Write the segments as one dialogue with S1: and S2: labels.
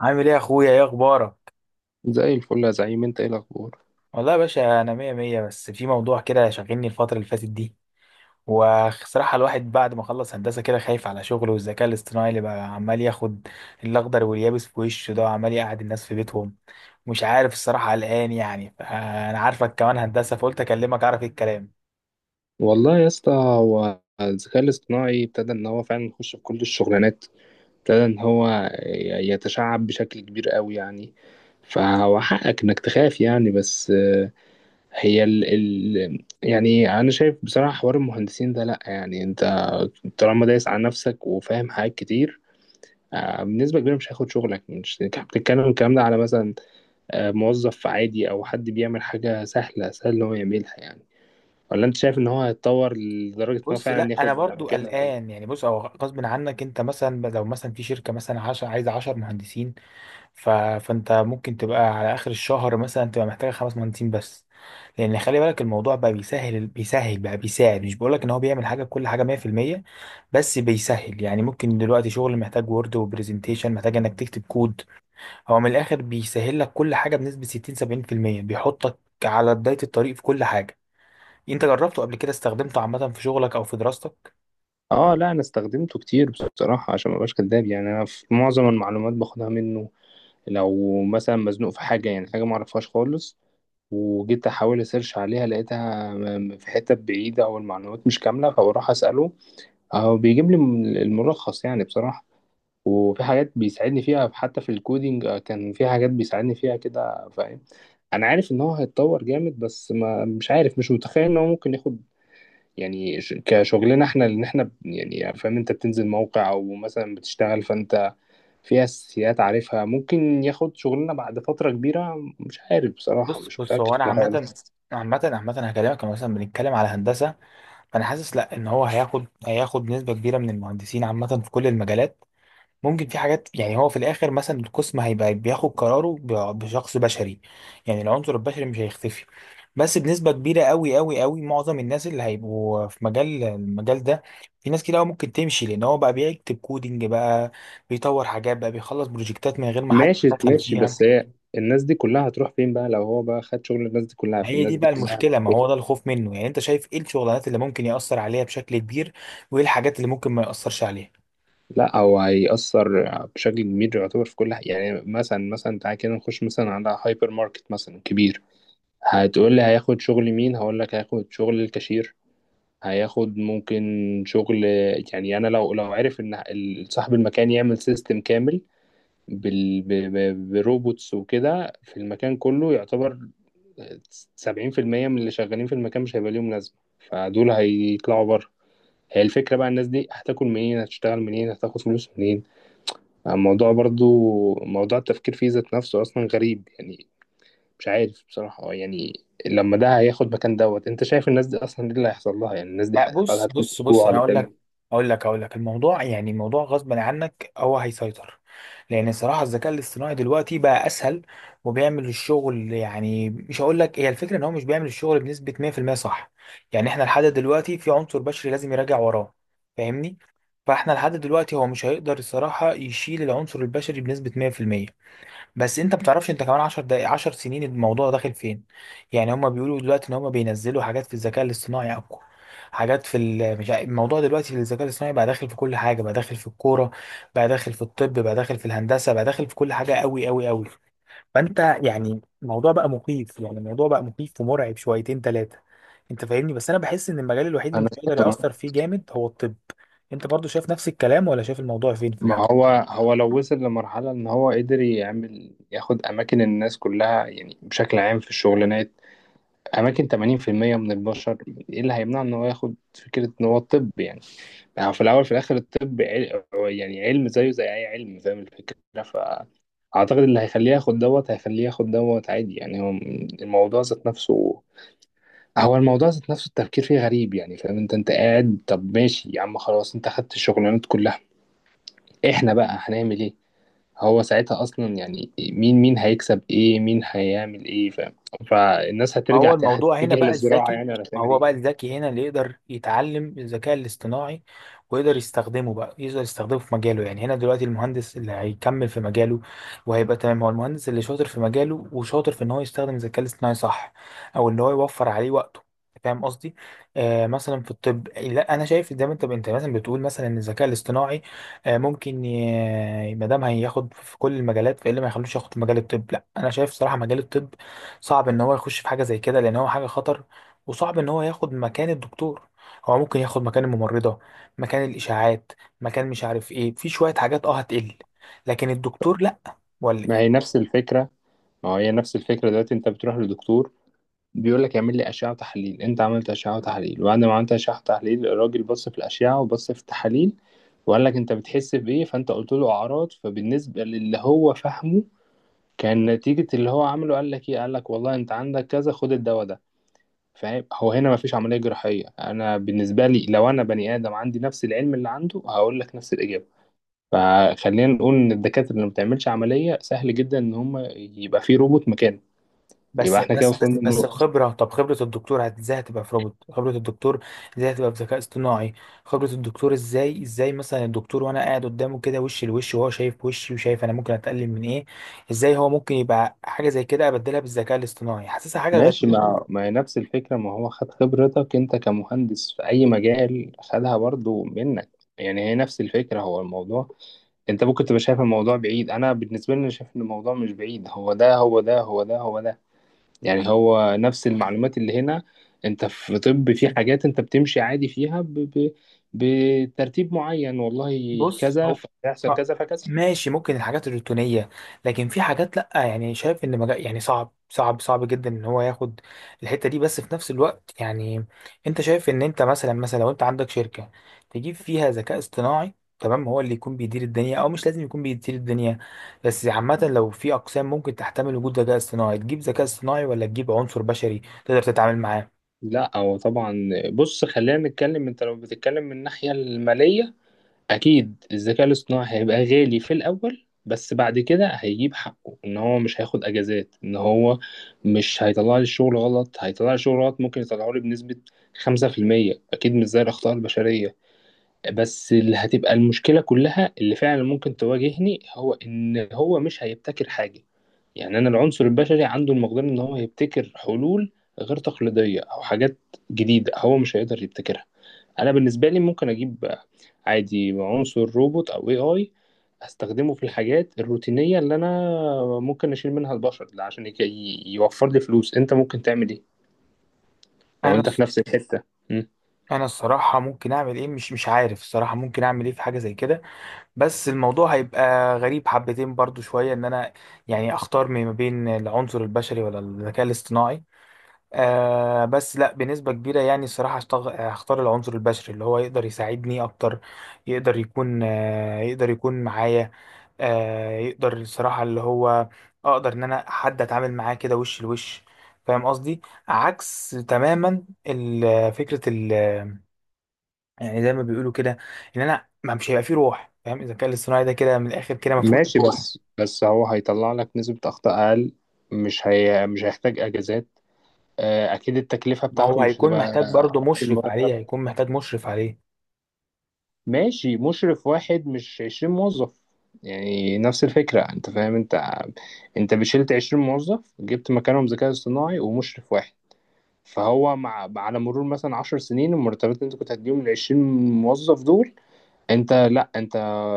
S1: عامل ايه يا اخويا، ايه اخبارك؟
S2: زي الفل يا زعيم. انت ايه الاخبار؟
S1: والله يا باشا انا مية مية، بس في موضوع كده شاغلني الفترة اللي فاتت دي. وصراحة الواحد بعد ما خلص هندسة كده خايف على شغله، والذكاء الاصطناعي اللي بقى عمال ياخد الاخضر واليابس في وشه ده، وعمال يقعد الناس في بيتهم. مش عارف الصراحة، قلقان يعني. انا عارفك كمان هندسة فقلت اكلمك اعرف ايه الكلام.
S2: والله يا اسطى، هو الذكاء الاصطناعي ابتدى ان هو فعلا يخش في كل الشغلانات. ابتدى ان هو يتشعب بشكل كبير قوي يعني. فهو حقك انك تخاف يعني، بس هي ال يعني انا شايف بصراحة حوار المهندسين ده، لا يعني انت طالما دايس على نفسك وفاهم حاجات كتير، بنسبة كبيرة مش هياخد شغلك. مش انت بتتكلم الكلام ده على مثلا موظف عادي او حد بيعمل حاجة سهلة، سهل ان هو يعملها يعني؟ ولا انت شايف ان هو هيتطور لدرجة ان هو
S1: بص،
S2: فعلا
S1: لا انا
S2: ياخد
S1: برضو
S2: مكانه وكده؟
S1: قلقان يعني. بص، هو غصب عنك، انت مثلا لو مثلا في شركة مثلا عايزة 10 مهندسين، فانت ممكن تبقى على اخر الشهر مثلا تبقى محتاج خمس مهندسين بس. لان خلي بالك الموضوع بقى بيسهل بقى بيساعد. مش بقولك ان هو بيعمل حاجه بكل حاجه 100%، بس بيسهل يعني. ممكن دلوقتي شغل محتاج وورد وبرزنتيشن، محتاج انك تكتب كود. هو من الاخر بيسهل لك كل حاجه بنسبه 60 70%. بيحطك على بدايه الطريق في كل حاجه. انت جربته قبل كده؟ استخدمته عامه في شغلك او في دراستك؟
S2: اه، لا انا استخدمته كتير بصراحة. عشان ما ابقاش كداب، يعني انا في معظم المعلومات باخدها منه. لو مثلا مزنوق في حاجة، يعني حاجة ما اعرفهاش خالص، وجيت احاول اسيرش عليها لقيتها في حتة بعيدة او المعلومات مش كاملة، فبروح اسأله او بيجيب لي الملخص يعني بصراحة. وفي حاجات بيساعدني فيها حتى في الكودينج، كان في حاجات بيساعدني فيها كده، فاهم؟ انا عارف ان هو هيتطور جامد، بس ما مش عارف، مش متخيل ان هو ممكن ياخد يعني كشغلنا احنا، ان احنا يعني فاهم، انت بتنزل موقع او مثلا بتشتغل فانت في اساسيات عارفها. ممكن ياخد شغلنا بعد فترة كبيرة؟ مش عارف بصراحة،
S1: بص
S2: مش
S1: بص
S2: متأكد
S1: هو انا
S2: من الحوار ده.
S1: عامه عامة عامة هكلمك. أنا مثلا بنتكلم على هندسة. انا حاسس، لا، ان هو هياخد نسبه كبيره من المهندسين عامه في كل المجالات. ممكن في حاجات يعني. هو في الاخر مثلا القسم هيبقى بياخد قراره بشخص بشري، يعني العنصر البشري مش هيختفي، بس بنسبه كبيره قوي قوي قوي معظم الناس اللي هيبقوا في مجال ده. في ناس كده أوي ممكن تمشي، لان هو بقى بيكتب كودينج، بقى بيطور حاجات، بقى بيخلص بروجكتات من غير ما حد
S2: ماشي
S1: يتدخل
S2: ماشي، بس
S1: فيها.
S2: هي الناس دي كلها هتروح فين بقى؟ لو هو بقى خد شغل الناس دي كلها،
S1: ما هي دي
S2: فالناس دي
S1: بقى
S2: كلها
S1: المشكله،
S2: هتروح
S1: ما
S2: فين؟
S1: هو ده الخوف منه. يعني انت شايف ايه الشغلانات اللي ممكن ياثر عليها بشكل كبير، وايه الحاجات اللي ممكن ما ياثرش عليها؟
S2: لا، هو هيأثر بشكل كبير، يعتبر في كل حاجة. يعني مثلا مثلا تعالى كده نخش مثلا على هايبر ماركت مثلا كبير. هتقول لي هياخد شغل مين، هقول لك هياخد شغل الكاشير. هياخد ممكن شغل، يعني انا لو لو عرف ان صاحب المكان يعمل سيستم كامل بال ب- بروبوتس وكده في المكان كله، يعتبر 70% من اللي شغالين في المكان مش هيبقى ليهم لازمة، فدول هيطلعوا بره. هي الفكرة بقى، الناس دي هتاكل منين؟ هتشتغل منين؟ هتاخد فلوس منين؟ الموضوع برضو موضوع التفكير فيه ذات نفسه أصلا غريب يعني. مش عارف بصراحة، يعني لما ده هياخد مكان دوت، أنت شايف الناس دي أصلا إيه اللي هيحصل لها؟ يعني الناس دي
S1: لا، بص,
S2: هتجوع
S1: انا
S2: ولا
S1: اقول
S2: تعمل؟
S1: لك اقول لك اقول لك الموضوع يعني موضوع غصب عنك، هو هيسيطر. لان الصراحه الذكاء الاصطناعي دلوقتي بقى اسهل وبيعمل الشغل. يعني مش هقول لك، هي الفكره ان هو مش بيعمل الشغل بنسبه 100% صح. يعني احنا لحد دلوقتي في عنصر بشري لازم يراجع وراه، فاهمني؟ فاحنا لحد دلوقتي هو مش هيقدر الصراحه يشيل العنصر البشري بنسبه 100%. بس انت بتعرفش انت كمان عشر دقايق عشر سنين الموضوع داخل فين. يعني هما بيقولوا دلوقتي ان هما بينزلوا حاجات في الذكاء الاصطناعي اقوى، حاجات في ال- مش عارف- الموضوع دلوقتي في الذكاء الاصطناعي بقى داخل في كل حاجه، بقى داخل في الكوره، بقى داخل في الطب، بقى داخل في الهندسه، بقى داخل في كل حاجه قوي قوي قوي. فانت يعني الموضوع بقى مخيف، يعني الموضوع بقى مخيف ومرعب شويتين ثلاثه. انت فاهمني؟ بس انا بحس ان المجال الوحيد اللي
S2: انا
S1: مش هيقدر
S2: فاهم.
S1: ياثر فيه جامد هو الطب. انت برضو شايف نفس الكلام، ولا شايف الموضوع فين
S2: ما
S1: في؟
S2: هو، هو لو وصل لمرحله ان هو قدر يعمل، ياخد اماكن الناس كلها، يعني بشكل عام في الشغلانات، اماكن 80% من البشر، ايه اللي هيمنع ان هو ياخد فكره ان هو طب يعني؟ يعني في الاول في الاخر الطب يعني علم زيه زي اي علم، فاهم الفكره؟ فاعتقد اللي هيخليه ياخد دوت هيخليه ياخد دوت عادي يعني. هو الموضوع ذات نفسه، هو الموضوع ذات نفسه التفكير فيه غريب يعني، فاهم؟ انت انت قاعد طب، ماشي يا عم، خلاص انت خدت الشغلانات كلها، احنا بقى هنعمل ايه؟ هو ساعتها اصلا يعني مين، مين هيكسب ايه، مين هيعمل ايه، فاهم؟ فالناس
S1: ما
S2: هترجع
S1: هو الموضوع هنا
S2: هتتجه
S1: بقى
S2: للزراعه
S1: الذكي،
S2: يعني، ولا
S1: ما
S2: هتعمل
S1: هو
S2: ايه؟
S1: بقى الذكي هنا اللي يقدر يتعلم الذكاء الاصطناعي، ويقدر يستخدمه. بقى يقدر يستخدمه في مجاله، يعني هنا دلوقتي المهندس اللي هيكمل في مجاله وهيبقى تمام، هو المهندس اللي شاطر في مجاله وشاطر في ان هو يستخدم الذكاء الاصطناعي، صح؟ او ان هو يوفر عليه وقته. فاهم قصدي؟ آه مثلا في الطب، لا انا شايف زي ما انت مثلا بتقول، مثلا ان الذكاء الاصطناعي آه ممكن ما دام هياخد في كل المجالات، فايه اللي ما يخلوش ياخد في مجال الطب؟ لا انا شايف صراحة مجال الطب صعب ان هو يخش في حاجه زي كده، لان هو حاجه خطر. وصعب ان هو ياخد مكان الدكتور. هو ممكن ياخد مكان الممرضه، مكان الاشاعات، مكان مش عارف ايه، في شويه حاجات اه هتقل، لكن الدكتور لا. ولا
S2: ما
S1: يعني.
S2: هي نفس الفكره. ما هو هي نفس الفكره. دلوقتي انت بتروح لدكتور بيقول لك اعمل لي اشعه وتحاليل. انت عملت اشعه وتحاليل، وبعد ما عملت اشعه وتحاليل الراجل بص في الاشعه وبص في التحاليل، وقال لك انت بتحس بايه، فانت قلت له اعراض. فبالنسبه للي هو فاهمه، كان نتيجه اللي هو عمله قال لك ايه، قال لك والله انت عندك كذا، خد الدواء ده. فاهم؟ هو هنا مفيش عملية جراحية. أنا بالنسبة لي، لو أنا بني آدم عندي نفس العلم اللي عنده، هقول لك نفس الإجابة. فخلينا نقول إن الدكاترة اللي ما بتعملش عملية سهل جدا إن هم يبقى في روبوت مكانه. يبقى
S1: بس
S2: إحنا كده
S1: بس
S2: وصلنا
S1: بس بس
S2: للنقطة.
S1: الخبره، طب خبره الدكتور ازاي هتبقى في روبوت؟ خبره الدكتور ازاي هتبقى في ذكاء اصطناعي؟ خبره الدكتور ازاي مثلا الدكتور وانا قاعد قدامه كده وش لوش، وهو شايف وشي وشايف انا ممكن اتقلل من ايه. ازاي هو ممكن يبقى حاجه زي كده ابدلها بالذكاء الاصطناعي؟ حاسسها حاجه غريبه.
S2: ماشي. ما هي نفس الفكرة. ما هو خد خبرتك أنت كمهندس في أي مجال، خدها برضو منك. يعني هي نفس الفكرة، هو الموضوع. أنت ممكن تبقى شايف الموضوع بعيد، أنا بالنسبة لي أنا شايف إن الموضوع مش بعيد. هو ده هو ده هو ده هو ده، يعني هو نفس المعلومات اللي هنا. انت في طب، في حاجات انت بتمشي عادي فيها بترتيب معين، والله
S1: بص
S2: كذا،
S1: هو،
S2: فيحصل
S1: آه،
S2: كذا فكذا.
S1: ماشي، ممكن الحاجات الروتينية، لكن في حاجات لأ. يعني شايف إن مجال يعني صعب صعب صعب جدا إن هو ياخد الحتة دي. بس في نفس الوقت يعني، أنت شايف إن أنت مثلا، مثلا لو أنت عندك شركة تجيب فيها ذكاء اصطناعي، تمام، هو اللي يكون بيدير الدنيا، أو مش لازم يكون بيدير الدنيا. بس عامة لو في أقسام ممكن تحتمل وجود ذكاء اصطناعي، تجيب ذكاء اصطناعي ولا تجيب عنصر بشري تقدر تتعامل معاه؟
S2: لا، هو طبعا، بص خلينا نتكلم. انت لو بتتكلم من الناحية المالية، اكيد الذكاء الاصطناعي هيبقى غالي في الاول، بس بعد كده هيجيب حقه. ان هو مش هياخد اجازات، ان هو مش هيطلع لي الشغل غلط. هيطلع لي الشغل غلط، ممكن يطلعه لي بنسبة 5%، اكيد مش زي الاخطاء البشرية. بس اللي هتبقى المشكلة كلها، اللي فعلا ممكن تواجهني، هو إن هو مش هيبتكر حاجة. يعني أنا العنصر البشري عنده المقدرة إن هو يبتكر حلول غير تقليدية أو حاجات جديدة، هو مش هيقدر يبتكرها. أنا بالنسبة لي ممكن أجيب عادي عنصر روبوت أو اي آي، أستخدمه في الحاجات الروتينية اللي أنا ممكن أشيل منها البشر ده، عشان يوفر لي فلوس. أنت ممكن تعمل إيه لو
S1: أنا
S2: أنت
S1: الص-
S2: في نفس الحتة؟
S1: أنا الصراحة ممكن أعمل إيه؟ مش عارف الصراحة ممكن أعمل إيه في حاجة زي كده. بس الموضوع هيبقى غريب حبتين برضو شوية، ان انا يعني اختار ما بين العنصر البشري ولا الذكاء الاصطناعي. آه بس لا، بنسبة كبيرة يعني الصراحة هختار العنصر البشري، اللي هو يقدر يساعدني اكتر، يقدر يكون آه يقدر يكون معايا، آه يقدر الصراحة اللي هو اقدر ان انا حد اتعامل معاه كده وش لوش. فاهم قصدي؟ عكس تماما فكرة، يعني زي ما بيقولوا كده، ان انا ما مش هيبقى فيه روح، فاهم؟ الذكاء الاصطناعي ده كده من الاخر كده ما فيهوش
S2: ماشي،
S1: روح.
S2: بس بس هو هيطلع لك نسبة أخطاء أقل، مش هيحتاج أجازات. أكيد التكلفة
S1: ما
S2: بتاعته
S1: هو
S2: مش
S1: هيكون
S2: هتبقى
S1: محتاج
S2: قد
S1: برضه مشرف
S2: المرتب.
S1: عليه،
S2: ماشي، مشرف واحد مش 20 موظف. يعني نفس الفكرة، أنت فاهم؟ أنت أنت بشلت 20 موظف جبت مكانهم ذكاء اصطناعي ومشرف واحد. فهو مع على مرور مثلا 10 سنين، المرتبات اللي أنت كنت هتديهم لل20 موظف دول، انت لا انت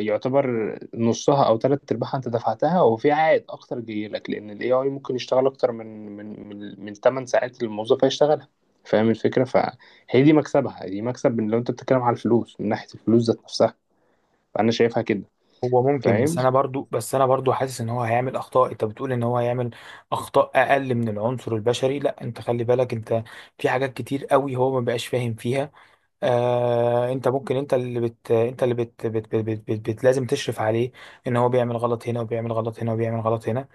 S2: يعتبر نصها او ثلاث ارباعها انت دفعتها، وفي عائد اكتر جاي لك، لان الاي اي ممكن يشتغل اكتر من 8 ساعات اللي الموظف هيشتغلها، فاهم الفكره؟ فهي دي مكسبها، دي مكسب. من لو انت بتتكلم على الفلوس، من ناحيه الفلوس ذات نفسها، فانا شايفها كده.
S1: هو ممكن،
S2: فاهم؟
S1: بس انا برضه حاسس ان هو هيعمل اخطاء. انت بتقول ان هو هيعمل اخطاء اقل من العنصر البشري، لا انت خلي بالك، انت في حاجات كتير قوي هو ما بقاش فاهم فيها. آه، انت ممكن، انت اللي بت, بت, بت, بت, بت, بت لازم تشرف عليه، ان هو بيعمل غلط هنا وبيعمل غلط هنا وبيعمل غلط هنا.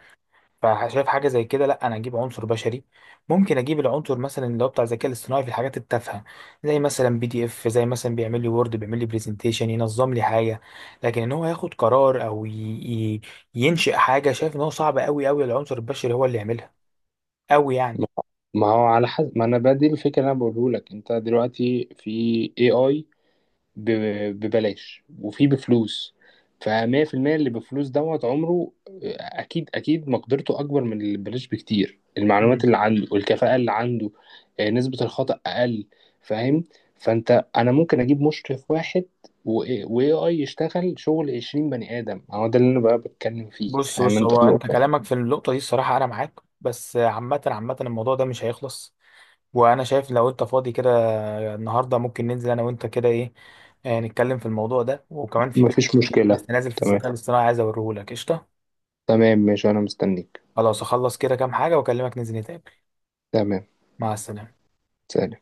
S1: فشايف حاجه زي كده، لا انا اجيب عنصر بشري. ممكن اجيب العنصر مثلا اللي هو بتاع الذكاء الاصطناعي في الحاجات التافهه، زي مثلا PDF، زي مثلا بيعمل لي وورد، بيعمل لي برزنتيشن، ينظم لي حاجه. لكن ان هو ياخد قرار او ي... ينشئ حاجه، شايف ان هو صعب قوي قوي، العنصر البشري هو اللي يعملها، قوي يعني.
S2: ما ما هو على حسب ما انا بدي الفكره اللي انا بقوله لك، انت دلوقتي في اي اي ببلاش وفي بفلوس. فمية في المية اللي بفلوس دوت عمره أكيد، أكيد مقدرته أكبر من اللي ببلاش بكتير. المعلومات
S1: مم.
S2: اللي عنده والكفاءة اللي عنده، نسبة الخطأ أقل، فاهم؟ فأنت أنا ممكن أجيب مشرف واحد و AI يشتغل شغل 20 بني آدم. هو ده اللي أنا بقى بتكلم فيه،
S1: بص
S2: فاهم
S1: بص
S2: أنت
S1: هو انت
S2: النقطة؟
S1: كلامك في النقطه دي الصراحه انا معاك. بس عامه عامه الموضوع ده مش هيخلص. وانا شايف لو انت فاضي كده النهارده، ممكن ننزل انا وانت كده، ايه؟ نتكلم في الموضوع ده، وكمان في برنامج
S2: مفيش
S1: جديد
S2: مشكلة.
S1: لسه نازل في
S2: تمام.
S1: الذكاء الاصطناعي عايز اوريهولك. قشطه؟
S2: تمام ماشي، أنا مستنيك.
S1: خلاص، اخلص كده كام حاجه واكلمك ننزل نتقابل.
S2: تمام.
S1: مع السلامه.
S2: سلام.